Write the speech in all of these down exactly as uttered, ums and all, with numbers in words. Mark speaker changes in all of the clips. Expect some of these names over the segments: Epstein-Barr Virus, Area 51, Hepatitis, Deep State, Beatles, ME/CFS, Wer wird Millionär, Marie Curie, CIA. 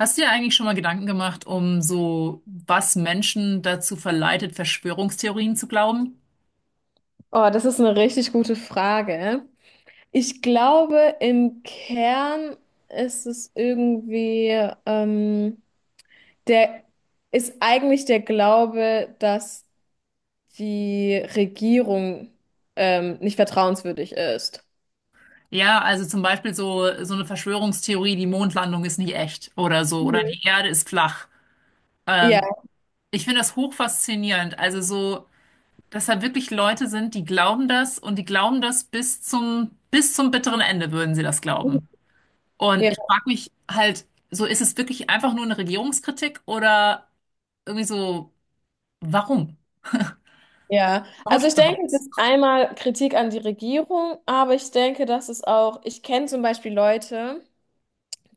Speaker 1: Hast du dir eigentlich schon mal Gedanken gemacht, um so, was Menschen dazu verleitet, Verschwörungstheorien zu glauben?
Speaker 2: Oh, das ist eine richtig gute Frage. Ich glaube, im Kern ist es irgendwie, ähm, der ist eigentlich der Glaube, dass die Regierung ähm, nicht vertrauenswürdig ist.
Speaker 1: Ja, also zum Beispiel so, so eine Verschwörungstheorie, die Mondlandung ist nicht echt oder so, oder
Speaker 2: Mhm.
Speaker 1: die Erde ist flach.
Speaker 2: Ja,
Speaker 1: Ähm, ich finde das hochfaszinierend. Also so, dass da wirklich Leute sind, die glauben das und die glauben das bis zum, bis zum bitteren Ende würden sie das glauben.
Speaker 2: ja,
Speaker 1: Und ich frage mich halt, so ist es wirklich einfach nur eine Regierungskritik oder irgendwie so, warum?
Speaker 2: ja.
Speaker 1: Warum
Speaker 2: Also
Speaker 1: tut
Speaker 2: ich
Speaker 1: man
Speaker 2: denke,
Speaker 1: sowas?
Speaker 2: das ist einmal Kritik an die Regierung, aber ich denke, dass es auch, ich kenne zum Beispiel Leute,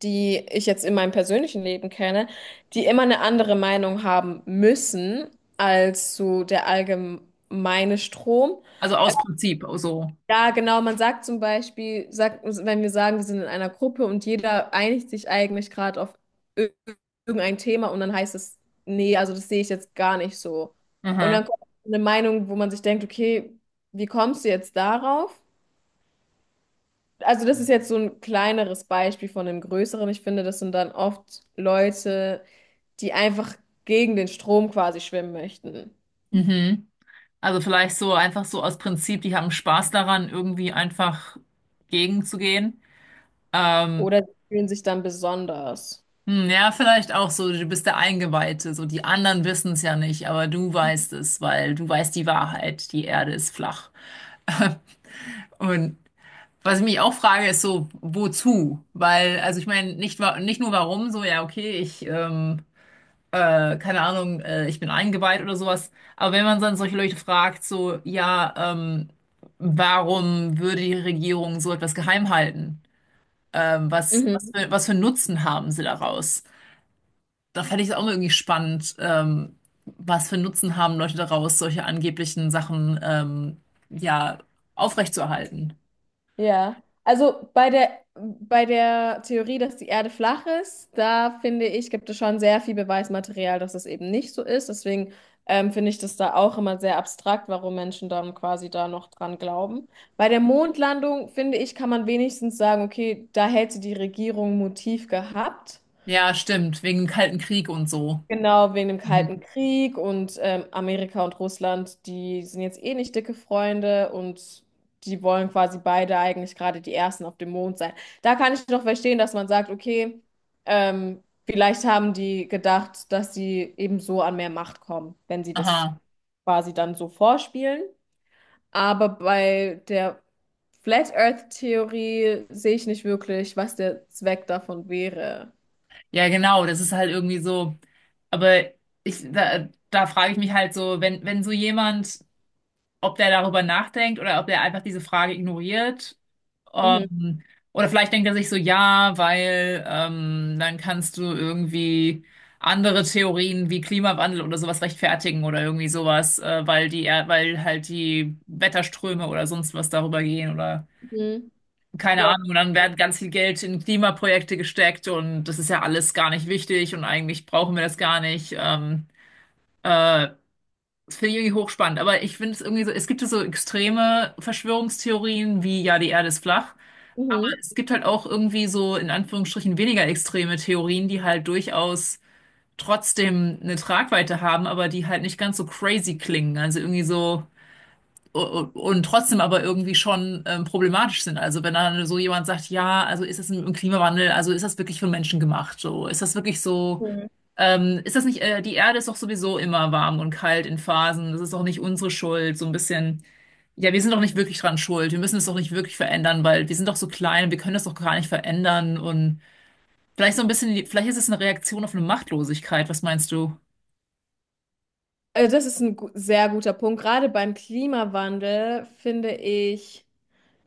Speaker 2: die ich jetzt in meinem persönlichen Leben kenne, die immer eine andere Meinung haben müssen als so der allgemeine Strom.
Speaker 1: Also aus Prinzip, oh so.
Speaker 2: Ja, genau, man sagt zum Beispiel, sagt, wenn wir sagen, wir sind in einer Gruppe und jeder einigt sich eigentlich gerade auf ir- irgendein Thema und dann heißt es, nee, also das sehe ich jetzt gar nicht so. Und dann
Speaker 1: Mhm.
Speaker 2: kommt eine Meinung, wo man sich denkt, okay, wie kommst du jetzt darauf? Also das ist jetzt so ein kleineres Beispiel von einem größeren. Ich finde, das sind dann oft Leute, die einfach gegen den Strom quasi schwimmen möchten.
Speaker 1: Mhm. Also vielleicht so einfach so aus Prinzip, die haben Spaß daran, irgendwie einfach gegenzugehen. Ähm,
Speaker 2: Oder sie fühlen sich dann besonders.
Speaker 1: hm, ja, vielleicht auch so, du bist der Eingeweihte, so die anderen wissen es ja nicht, aber du weißt es, weil du weißt die Wahrheit, die Erde ist flach. Und was ich mich auch frage, ist so, wozu? Weil, also ich meine, nicht, wa- nicht nur warum, so, ja, okay, ich, ähm, äh, keine Ahnung, äh, ich bin eingeweiht oder sowas. Aber wenn man dann solche Leute fragt, so, ja, ähm, warum würde die Regierung so etwas geheim halten? Ähm, was, was
Speaker 2: Mhm.
Speaker 1: für, was für einen Nutzen haben sie daraus? Da fände ich es auch mal irgendwie spannend, ähm, was für einen Nutzen haben Leute daraus, solche angeblichen Sachen, ähm, ja, aufrechtzuerhalten.
Speaker 2: Ja. Also bei der, bei der Theorie, dass die Erde flach ist, da finde ich, gibt es schon sehr viel Beweismaterial, dass es eben nicht so ist. Deswegen ähm, finde ich das da auch immer sehr abstrakt, warum Menschen dann quasi da noch dran glauben. Bei der Mondlandung, finde ich, kann man wenigstens sagen, okay, da hätte die Regierung ein Motiv gehabt.
Speaker 1: Ja, stimmt, wegen dem Kalten Krieg und so.
Speaker 2: Genau, wegen dem Kalten
Speaker 1: Mhm.
Speaker 2: Krieg und ähm, Amerika und Russland, die sind jetzt eh nicht dicke Freunde und die wollen quasi beide eigentlich gerade die Ersten auf dem Mond sein. Da kann ich noch verstehen, dass man sagt, okay, ähm, vielleicht haben die gedacht, dass sie eben so an mehr Macht kommen, wenn sie das
Speaker 1: Aha.
Speaker 2: quasi dann so vorspielen. Aber bei der Flat Earth Theorie sehe ich nicht wirklich, was der Zweck davon wäre.
Speaker 1: Ja, genau, das ist halt irgendwie so. Aber ich, da, da frage ich mich halt so, wenn, wenn so jemand, ob der darüber nachdenkt oder ob der einfach diese Frage ignoriert,
Speaker 2: Mhm.
Speaker 1: ähm, oder vielleicht denkt er sich so, ja, weil ähm, dann kannst du irgendwie andere Theorien wie Klimawandel oder sowas rechtfertigen oder irgendwie sowas, äh, weil die, Er- weil halt die Wetterströme oder sonst was darüber gehen oder
Speaker 2: Mhm.
Speaker 1: keine
Speaker 2: Ja.
Speaker 1: Ahnung. Und dann werden ganz viel Geld in Klimaprojekte gesteckt und das ist ja alles gar nicht wichtig und eigentlich brauchen wir das gar nicht. Ähm, äh, das finde ich irgendwie hochspannend, aber ich finde es irgendwie so, es gibt ja so extreme Verschwörungstheorien wie, ja, die Erde ist flach, aber
Speaker 2: Mhm.
Speaker 1: es gibt halt auch irgendwie so in Anführungsstrichen weniger extreme Theorien, die halt durchaus trotzdem eine Tragweite haben, aber die halt nicht ganz so crazy klingen, also irgendwie so u- u- und trotzdem aber irgendwie schon ähm, problematisch sind. Also wenn dann so jemand sagt, ja, also ist das im Klimawandel, also ist das wirklich von Menschen gemacht, so ist das wirklich so ähm, ist das nicht, äh, die Erde ist doch sowieso immer warm und kalt in Phasen. Das ist doch nicht unsere Schuld, so ein bisschen. Ja, wir sind doch nicht wirklich dran schuld. Wir müssen es doch nicht wirklich verändern, weil wir sind doch so klein wir können das doch gar nicht verändern. Und vielleicht so ein bisschen, vielleicht ist es eine Reaktion auf eine Machtlosigkeit. Was meinst du?
Speaker 2: Also das ist ein gu sehr guter Punkt. Gerade beim Klimawandel finde ich,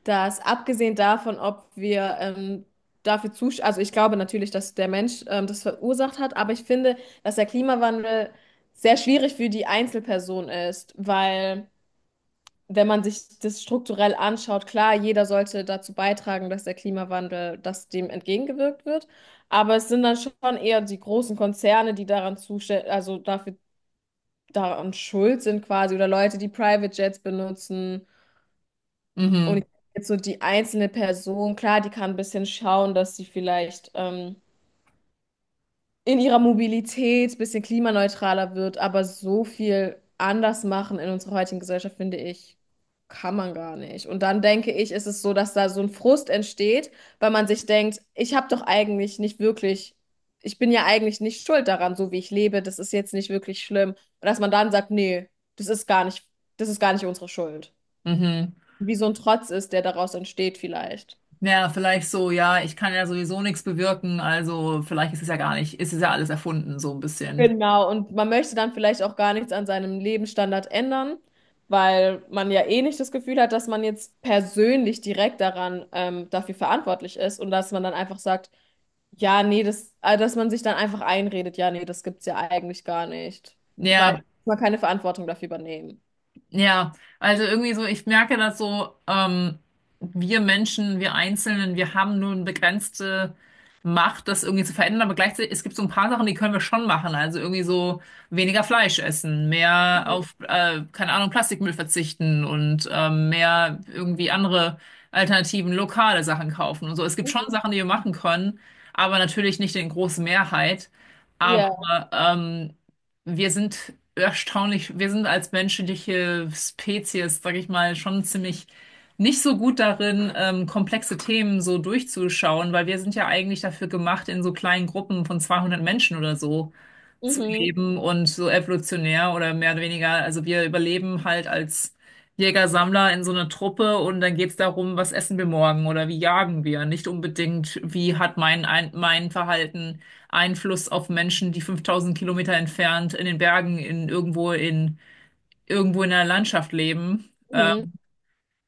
Speaker 2: dass abgesehen davon, ob wir ähm, dafür zusch, also ich glaube natürlich, dass der Mensch ähm, das verursacht hat, aber ich finde, dass der Klimawandel sehr schwierig für die Einzelperson ist, weil wenn man sich das strukturell anschaut, klar, jeder sollte dazu beitragen, dass der Klimawandel, dass dem entgegengewirkt wird, aber es sind dann schon eher die großen Konzerne, die daran zuständig, also dafür daran schuld sind quasi oder Leute, die Private Jets benutzen.
Speaker 1: Mhm,
Speaker 2: Und jetzt so die einzelne Person, klar, die kann ein bisschen schauen, dass sie vielleicht ähm, in ihrer Mobilität ein bisschen klimaneutraler wird, aber so viel anders machen in unserer heutigen Gesellschaft, finde ich, kann man gar nicht. Und dann denke ich, ist es so, dass da so ein Frust entsteht, weil man sich denkt, ich habe doch eigentlich nicht wirklich, ich bin ja eigentlich nicht schuld daran, so wie ich lebe, das ist jetzt nicht wirklich schlimm. Und dass man dann sagt, nee, das ist gar nicht, das ist gar nicht unsere Schuld.
Speaker 1: mhm.
Speaker 2: Wie so ein Trotz ist, der daraus entsteht vielleicht.
Speaker 1: Ja, vielleicht so, ja, ich kann ja sowieso nichts bewirken, also vielleicht ist es ja gar nicht, ist es ja alles erfunden, so ein bisschen.
Speaker 2: Genau, und man möchte dann vielleicht auch gar nichts an seinem Lebensstandard ändern, weil man ja eh nicht das Gefühl hat, dass man jetzt persönlich direkt daran ähm, dafür verantwortlich ist und dass man dann einfach sagt, ja, nee, das, äh, dass man sich dann einfach einredet, ja, nee, das gibt's ja eigentlich gar nicht, weil
Speaker 1: Ja,
Speaker 2: man keine Verantwortung dafür übernehmen.
Speaker 1: Ja, also irgendwie so, ich merke das so, ähm, wir Menschen, wir Einzelnen, wir haben nur eine begrenzte Macht, das irgendwie zu verändern, aber gleichzeitig, es gibt so ein paar Sachen, die können wir schon machen. Also irgendwie so weniger Fleisch essen, mehr auf, äh, keine Ahnung, Plastikmüll verzichten und ähm, mehr irgendwie andere Alternativen, lokale Sachen kaufen und so. Es gibt schon
Speaker 2: Mhm.
Speaker 1: Sachen, die wir machen können, aber natürlich nicht in großer Mehrheit. Aber
Speaker 2: Ja,
Speaker 1: ähm, wir sind erstaunlich, wir sind als menschliche Spezies, sag ich mal, schon ziemlich nicht so gut darin, ähm, komplexe Themen so durchzuschauen, weil wir sind ja eigentlich dafür gemacht, in so kleinen Gruppen von zweihundert Menschen oder so zu
Speaker 2: mhm.
Speaker 1: leben und so evolutionär oder mehr oder weniger. Also wir überleben halt als Jäger-Sammler in so einer Truppe und dann geht's darum, was essen wir morgen oder wie jagen wir. Nicht unbedingt, wie hat mein, ein, mein Verhalten Einfluss auf Menschen, die fünftausend Kilometer entfernt in den Bergen, in irgendwo in irgendwo in der Landschaft leben.
Speaker 2: Mhm.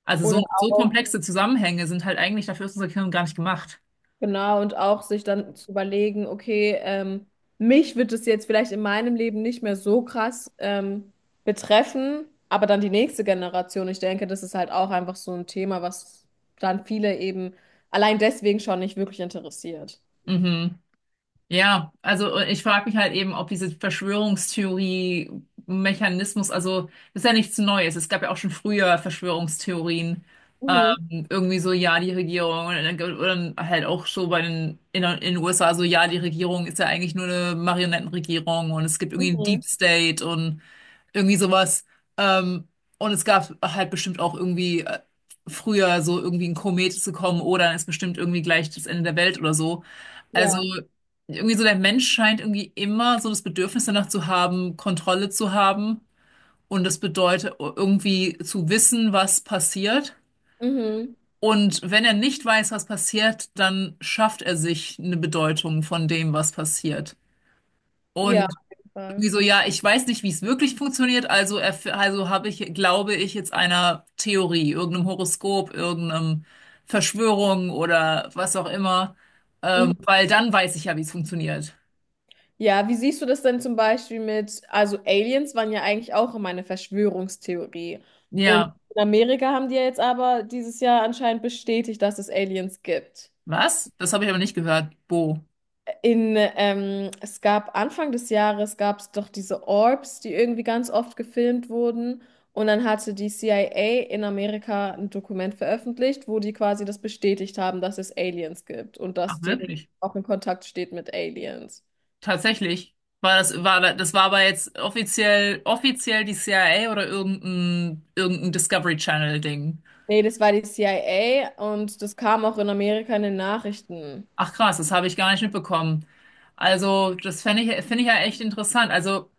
Speaker 1: Also so,
Speaker 2: Oder
Speaker 1: so
Speaker 2: auch.
Speaker 1: komplexe Zusammenhänge sind halt eigentlich dafür ist unser Gehirn gar nicht gemacht.
Speaker 2: Genau, und auch sich dann zu überlegen, okay, ähm, mich wird es jetzt vielleicht in meinem Leben nicht mehr so krass ähm, betreffen, aber dann die nächste Generation. Ich denke, das ist halt auch einfach so ein Thema, was dann viele eben allein deswegen schon nicht wirklich interessiert.
Speaker 1: Mhm. Ja, also äh, ich frage mich halt eben, ob diese Verschwörungstheorie-Mechanismus, also das ist ja nichts Neues. Es gab ja auch schon früher Verschwörungstheorien,
Speaker 2: Mhm.
Speaker 1: ähm, irgendwie so, ja, die Regierung, und dann- oder halt auch so bei den in, in den U S A, so, ja, die Regierung ist ja eigentlich nur eine Marionettenregierung und es gibt irgendwie einen
Speaker 2: Mhm.
Speaker 1: Deep State und irgendwie sowas. Ähm, und es gab halt bestimmt auch irgendwie äh, früher so irgendwie ein Komet zu kommen oder dann ist bestimmt irgendwie gleich das Ende der Welt oder so. Also
Speaker 2: Ja.
Speaker 1: irgendwie so der Mensch scheint irgendwie immer so das Bedürfnis danach zu haben, Kontrolle zu haben und das bedeutet irgendwie zu wissen, was passiert.
Speaker 2: Mhm.
Speaker 1: Und wenn er nicht weiß, was passiert, dann schafft er sich eine Bedeutung von dem, was passiert.
Speaker 2: Ja,
Speaker 1: Und
Speaker 2: auf jeden
Speaker 1: irgendwie
Speaker 2: Fall.
Speaker 1: so, ja, ich weiß nicht, wie es wirklich funktioniert, also erf- also habe ich, glaube ich, jetzt einer Theorie, irgendeinem Horoskop, irgendeinem Verschwörung oder was auch immer, ähm,
Speaker 2: Mhm.
Speaker 1: weil dann weiß ich ja, wie es funktioniert.
Speaker 2: Ja, wie siehst du das denn zum Beispiel mit, also Aliens waren ja eigentlich auch immer eine Verschwörungstheorie. Und
Speaker 1: Ja.
Speaker 2: in Amerika haben die ja jetzt aber dieses Jahr anscheinend bestätigt, dass es Aliens gibt.
Speaker 1: Was? Das habe ich aber nicht gehört. Bo.
Speaker 2: In, ähm, es gab Anfang des Jahres gab es doch diese Orbs, die irgendwie ganz oft gefilmt wurden. Und dann hatte die C I A in Amerika ein Dokument veröffentlicht, wo die quasi das bestätigt haben, dass es Aliens gibt und
Speaker 1: Ach,
Speaker 2: dass die Regierung
Speaker 1: wirklich?
Speaker 2: auch in Kontakt steht mit Aliens.
Speaker 1: Tatsächlich. War das, war, da- das war aber jetzt offiziell, offiziell die C I A oder irgendein, irgendein Discovery Channel-Ding.
Speaker 2: Nee, das war die C I A und das kam auch in Amerika in den Nachrichten.
Speaker 1: Ach krass, das habe ich gar nicht mitbekommen. Also, das fände ich, finde ich ja echt interessant. Also,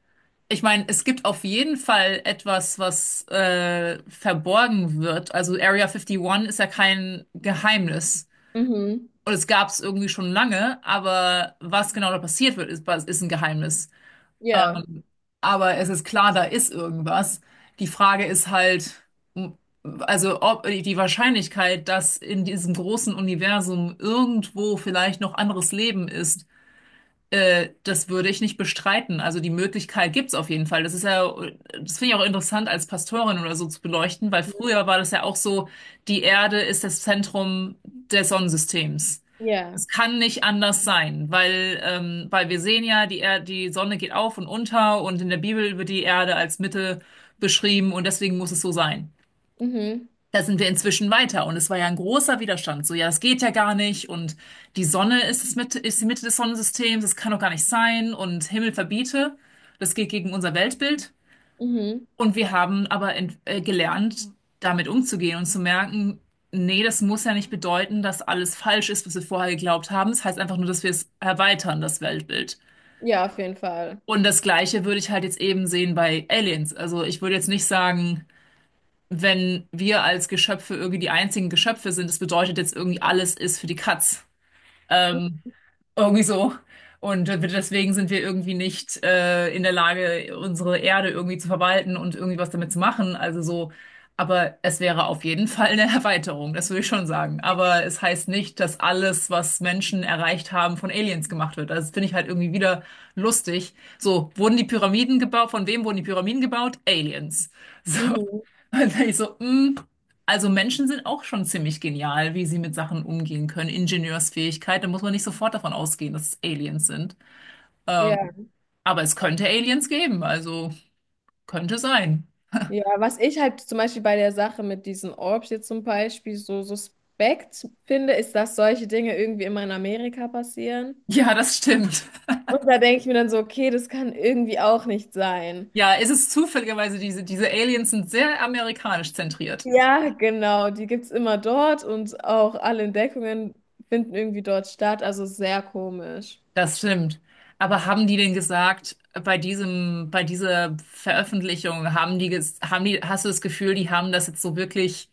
Speaker 1: ich meine, es gibt auf jeden Fall etwas, was äh, verborgen wird. Also, Area einundfünfzig ist ja kein Geheimnis.
Speaker 2: Mhm.
Speaker 1: Und es gab es irgendwie schon lange, aber was genau da passiert wird, ist, ist ein Geheimnis.
Speaker 2: Ja,
Speaker 1: Aber es ist klar, da ist irgendwas. Die Frage ist halt, m- also ob die Wahrscheinlichkeit, dass in diesem großen Universum irgendwo vielleicht noch anderes Leben ist, äh, das würde ich nicht bestreiten. Also die Möglichkeit gibt's auf jeden Fall. Das ist ja, das finde ich auch interessant als Pastorin oder so zu beleuchten, weil früher war das ja auch so, die Erde ist das Zentrum des Sonnensystems.
Speaker 2: ja.
Speaker 1: Es kann nicht anders sein, weil, ähm, weil wir sehen ja, die Er die Sonne geht auf und unter und in der Bibel wird die Erde als Mitte beschrieben und deswegen muss es so sein.
Speaker 2: Mhm.
Speaker 1: Da sind wir inzwischen weiter und es war ja ein großer Widerstand. So, ja, das geht ja gar nicht und die Sonne ist es mit, ist die Mitte des Sonnensystems, das kann doch gar nicht sein und Himmel verbiete, das geht gegen unser Weltbild.
Speaker 2: Mhm.
Speaker 1: Und wir haben aber ent- äh, gelernt, damit umzugehen und zu merken, nee, das muss ja nicht bedeuten, dass alles falsch ist, was wir vorher geglaubt haben. Das heißt einfach nur, dass wir es erweitern, das Weltbild.
Speaker 2: Ja, auf jeden Fall.
Speaker 1: Und das Gleiche würde ich halt jetzt eben sehen bei Aliens. Also ich würde jetzt nicht sagen, wenn wir als Geschöpfe irgendwie die einzigen Geschöpfe sind, das bedeutet jetzt irgendwie alles ist für die Katz. Ähm, irgendwie so. Und deswegen sind wir irgendwie nicht äh, in der Lage, unsere Erde irgendwie zu verwalten und irgendwie was damit zu machen. Also so, aber es wäre auf jeden Fall eine Erweiterung, das würde ich schon sagen. Aber es heißt nicht, dass alles, was Menschen erreicht haben, von Aliens gemacht wird. Also das finde ich halt irgendwie wieder lustig. So, wurden die Pyramiden gebaut? Von wem wurden die Pyramiden gebaut? Aliens.
Speaker 2: Mhm.
Speaker 1: Und dann ich so, mm, also Menschen sind auch schon ziemlich genial, wie sie mit Sachen umgehen können. Ingenieursfähigkeit, da muss man nicht sofort davon ausgehen, dass es Aliens sind.
Speaker 2: Ja,
Speaker 1: Ähm, aber es könnte Aliens geben, also könnte sein.
Speaker 2: ja. Was ich halt zum Beispiel bei der Sache mit diesen Orbs jetzt zum Beispiel so suspekt finde, ist, dass solche Dinge irgendwie immer in Amerika passieren.
Speaker 1: Ja, das stimmt.
Speaker 2: Und da denke ich mir dann so, okay, das kann irgendwie auch nicht sein.
Speaker 1: Ja, es ist zufälligerweise, diese, diese Aliens sind sehr amerikanisch zentriert.
Speaker 2: Ja, genau, die gibt es immer dort und auch alle Entdeckungen finden irgendwie dort statt, also sehr komisch.
Speaker 1: Das stimmt. Aber haben die denn gesagt, bei diesem, bei dieser Veröffentlichung, haben die, ges- haben die, hast du das Gefühl, die haben das jetzt so wirklich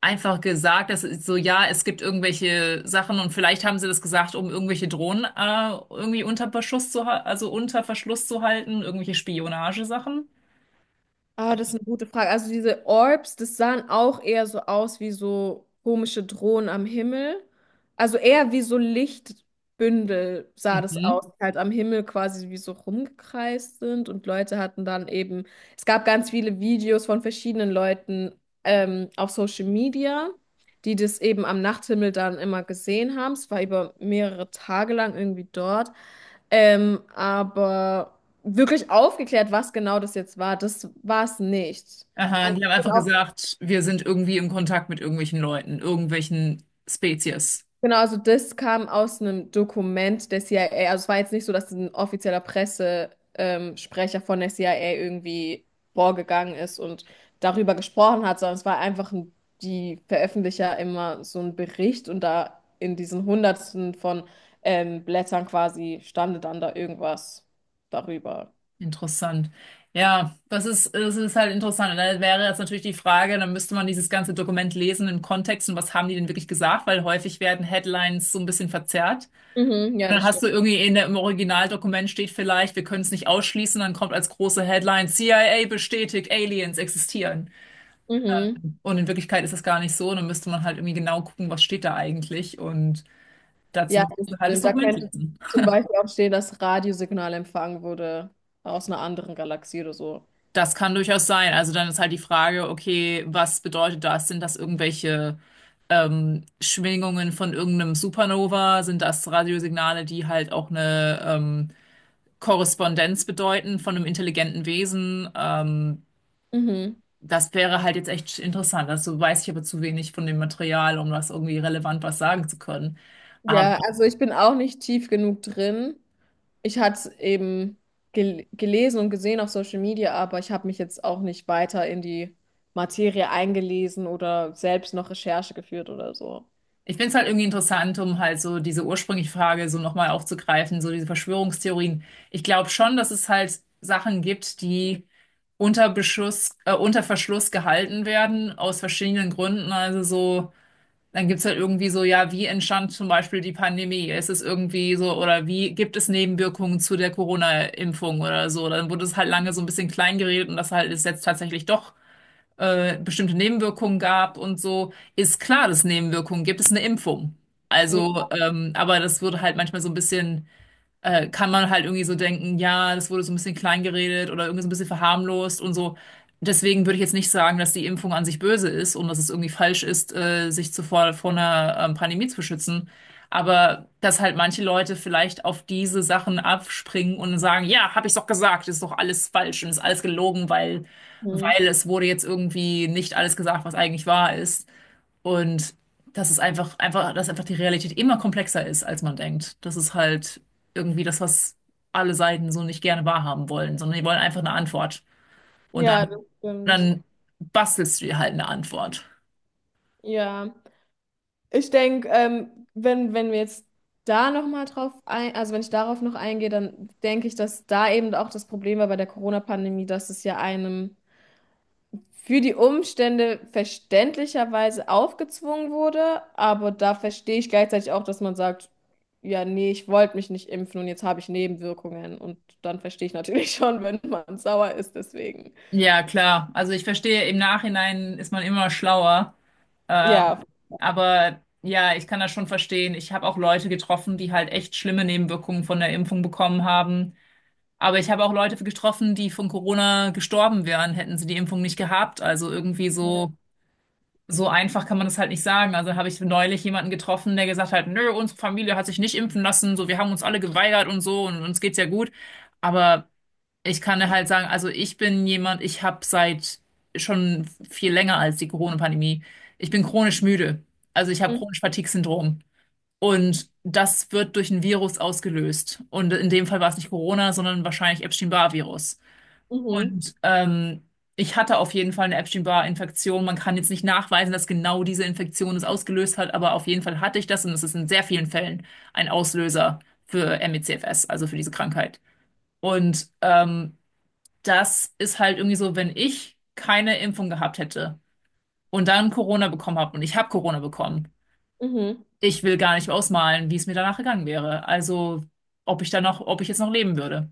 Speaker 1: einfach gesagt, das ist so, ja, es gibt irgendwelche Sachen und vielleicht haben sie das gesagt, um irgendwelche Drohnen äh, irgendwie unter Beschuss zu, ha- also unter Verschluss zu halten, irgendwelche Spionagesachen.
Speaker 2: Ah, das ist eine gute Frage. Also diese Orbs, das sahen auch eher so aus wie so komische Drohnen am Himmel. Also eher wie so Lichtbündel sah das
Speaker 1: Mhm.
Speaker 2: aus, die halt am Himmel quasi wie so rumgekreist sind und Leute hatten dann eben, es gab ganz viele Videos von verschiedenen Leuten ähm, auf Social Media, die das eben am Nachthimmel dann immer gesehen haben. Es war über mehrere Tage lang irgendwie dort. Ähm, aber wirklich aufgeklärt, was genau das jetzt war. Das war es nicht.
Speaker 1: Aha,
Speaker 2: Also,
Speaker 1: die haben
Speaker 2: ich bin
Speaker 1: einfach
Speaker 2: auch-
Speaker 1: gesagt, wir sind irgendwie im Kontakt mit irgendwelchen Leuten, irgendwelchen Spezies.
Speaker 2: genau, also das kam aus einem Dokument der C I A. Also es war jetzt nicht so, dass ein offizieller Pressesprecher ähm, Sprecher von der C I A irgendwie vorgegangen ist und darüber gesprochen hat, sondern es war einfach ein, die veröffentlichen ja immer so einen Bericht und da in diesen Hundertsten von ähm, Blättern quasi stande dann da irgendwas darüber.
Speaker 1: Interessant. Ja, das ist, das ist halt interessant. Und dann wäre jetzt natürlich die Frage, dann müsste man dieses ganze Dokument lesen im Kontext und was haben die denn wirklich gesagt, weil häufig werden Headlines so ein bisschen verzerrt.
Speaker 2: Mhm, ja,
Speaker 1: Dann
Speaker 2: das
Speaker 1: hast
Speaker 2: stimmt.
Speaker 1: du irgendwie in der, im Originaldokument steht vielleicht, wir können es nicht ausschließen, dann kommt als große Headline, C I A bestätigt, Aliens existieren.
Speaker 2: Mhm.
Speaker 1: Und in Wirklichkeit ist das gar nicht so. Dann müsste man halt irgendwie genau gucken, was steht da eigentlich. Und dazu
Speaker 2: Ja,
Speaker 1: müsstest
Speaker 2: das
Speaker 1: du halt das
Speaker 2: stimmt. Da
Speaker 1: Dokument
Speaker 2: könnte
Speaker 1: lesen.
Speaker 2: zum Beispiel auch stehen, dass Radiosignal empfangen wurde aus einer anderen Galaxie oder so.
Speaker 1: Das kann durchaus sein. Also dann ist halt die Frage, okay, was bedeutet das? Sind das irgendwelche ähm, Schwingungen von irgendeinem Supernova? Sind das Radiosignale, die halt auch eine ähm, Korrespondenz bedeuten von einem intelligenten Wesen? Ähm,
Speaker 2: Mhm.
Speaker 1: Das wäre halt jetzt echt interessant. Dazu weiß ich aber zu wenig von dem Material, um das irgendwie relevant was sagen zu können. Aber
Speaker 2: Ja, also ich bin auch nicht tief genug drin. Ich hatte es eben gel gelesen und gesehen auf Social Media, aber ich habe mich jetzt auch nicht weiter in die Materie eingelesen oder selbst noch Recherche geführt oder so.
Speaker 1: ich finde es halt irgendwie interessant, um halt so diese ursprüngliche Frage so nochmal aufzugreifen, so diese Verschwörungstheorien. Ich glaube schon, dass es halt Sachen gibt, die unter Beschuss, äh, unter Verschluss gehalten werden, aus verschiedenen Gründen. Also so. Dann gibt's halt irgendwie so, ja, wie entstand zum Beispiel die Pandemie? Ist es irgendwie so, oder wie gibt es Nebenwirkungen zu der Corona-Impfung oder so? Dann wurde es halt lange so ein bisschen klein geredet und dass halt es jetzt tatsächlich doch äh, bestimmte Nebenwirkungen gab und so. Ist klar, dass es Nebenwirkungen gibt, es ist eine Impfung. Also, ähm, aber das wurde halt manchmal so ein bisschen äh, kann man halt irgendwie so denken, ja, das wurde so ein bisschen klein geredet oder irgendwie so ein bisschen verharmlost und so. Deswegen würde ich jetzt nicht sagen, dass die Impfung an sich böse ist und dass es irgendwie falsch ist, äh, sich zuvor vor einer ähm, Pandemie zu schützen. Aber dass halt manche Leute vielleicht auf diese Sachen abspringen und sagen, ja, habe ich doch gesagt, ist doch alles falsch und ist alles gelogen, weil,
Speaker 2: Mhm.
Speaker 1: weil es wurde jetzt irgendwie nicht alles gesagt, was eigentlich wahr ist. Und dass es einfach, einfach, dass einfach die Realität immer komplexer ist, als man denkt. Das ist halt irgendwie das, was alle Seiten so nicht gerne wahrhaben wollen, sondern die wollen einfach eine Antwort. Und
Speaker 2: Ja, das
Speaker 1: dann,
Speaker 2: stimmt.
Speaker 1: dann bastelst du dir halt eine Antwort.
Speaker 2: Ja. Ich denke, ähm, wenn, wenn wir jetzt da nochmal drauf ein, also wenn ich darauf noch eingehe, dann denke ich, dass da eben auch das Problem war bei der Corona-Pandemie, dass es ja einem für die Umstände verständlicherweise aufgezwungen wurde, aber da verstehe ich gleichzeitig auch, dass man sagt, ja, nee, ich wollte mich nicht impfen und jetzt habe ich Nebenwirkungen und dann verstehe ich natürlich schon, wenn man sauer ist, deswegen.
Speaker 1: Ja, klar. Also ich verstehe, im Nachhinein ist man immer schlauer. Ähm,
Speaker 2: Ja.
Speaker 1: aber ja, ich kann das schon verstehen. Ich habe auch Leute getroffen, die halt echt schlimme Nebenwirkungen von der Impfung bekommen haben. Aber ich habe auch Leute getroffen, die von Corona gestorben wären, hätten sie die Impfung nicht gehabt. Also irgendwie so, so einfach kann man das halt nicht sagen. Also habe ich neulich jemanden getroffen, der gesagt hat, nö, unsere Familie hat sich nicht impfen lassen, so wir haben uns alle geweigert und so und uns geht's ja gut. Aber ich kann dir halt sagen, also ich bin jemand, ich habe seit schon viel länger als die Corona-Pandemie, ich bin chronisch müde. Also ich habe
Speaker 2: Mhm.
Speaker 1: chronisch Fatigue-Syndrom. Und das wird durch ein Virus ausgelöst. Und in dem Fall war es nicht Corona, sondern wahrscheinlich Epstein-Barr-Virus.
Speaker 2: Mhm.
Speaker 1: Und ähm, ich hatte auf jeden Fall eine Epstein-Barr-Infektion. Man kann jetzt nicht nachweisen, dass genau diese Infektion es ausgelöst hat, aber auf jeden Fall hatte ich das und es ist in sehr vielen Fällen ein Auslöser für M E/C F S, also für diese Krankheit. Und ähm, das ist halt irgendwie so, wenn ich keine Impfung gehabt hätte und dann Corona bekommen habe und ich habe Corona bekommen,
Speaker 2: Mhm.
Speaker 1: ich will gar nicht ausmalen, wie es mir danach gegangen wäre. Also, ob ich dann noch, ob ich jetzt noch leben würde.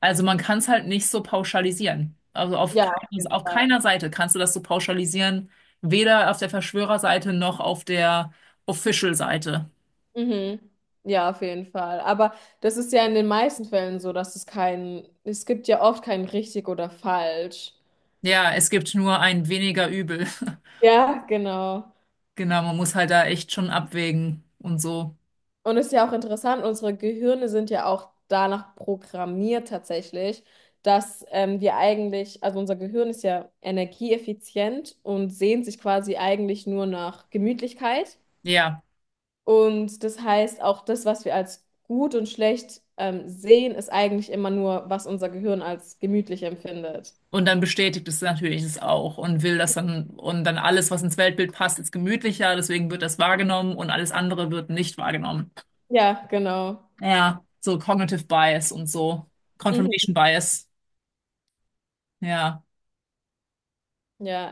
Speaker 1: Also, man kann es halt nicht so pauschalisieren. Also, auf,
Speaker 2: Ja,
Speaker 1: kein,
Speaker 2: auf jeden
Speaker 1: auf
Speaker 2: Fall.
Speaker 1: keiner Seite kannst du das so pauschalisieren. Weder auf der Verschwörerseite noch auf der Official-Seite.
Speaker 2: Mhm. Ja, auf jeden Fall. Aber das ist ja in den meisten Fällen so, dass es kein, es gibt ja oft kein richtig oder falsch.
Speaker 1: Ja, es gibt nur ein weniger Übel.
Speaker 2: Ja, genau.
Speaker 1: Genau, man muss halt da echt schon abwägen und so.
Speaker 2: Und es ist ja auch interessant, unsere Gehirne sind ja auch danach programmiert tatsächlich, dass ähm, wir eigentlich, also unser Gehirn ist ja energieeffizient und sehnt sich quasi eigentlich nur nach Gemütlichkeit.
Speaker 1: Ja.
Speaker 2: Und das heißt, auch das, was wir als gut und schlecht ähm, sehen, ist eigentlich immer nur, was unser Gehirn als gemütlich empfindet.
Speaker 1: Und dann bestätigt es natürlich es auch und will das dann, und dann alles, was ins Weltbild passt, ist gemütlicher, deswegen wird das wahrgenommen und alles andere wird nicht wahrgenommen.
Speaker 2: Ja, genau.
Speaker 1: Ja, so Cognitive Bias und so.
Speaker 2: Mhm.
Speaker 1: Confirmation Bias. Ja.
Speaker 2: Ja.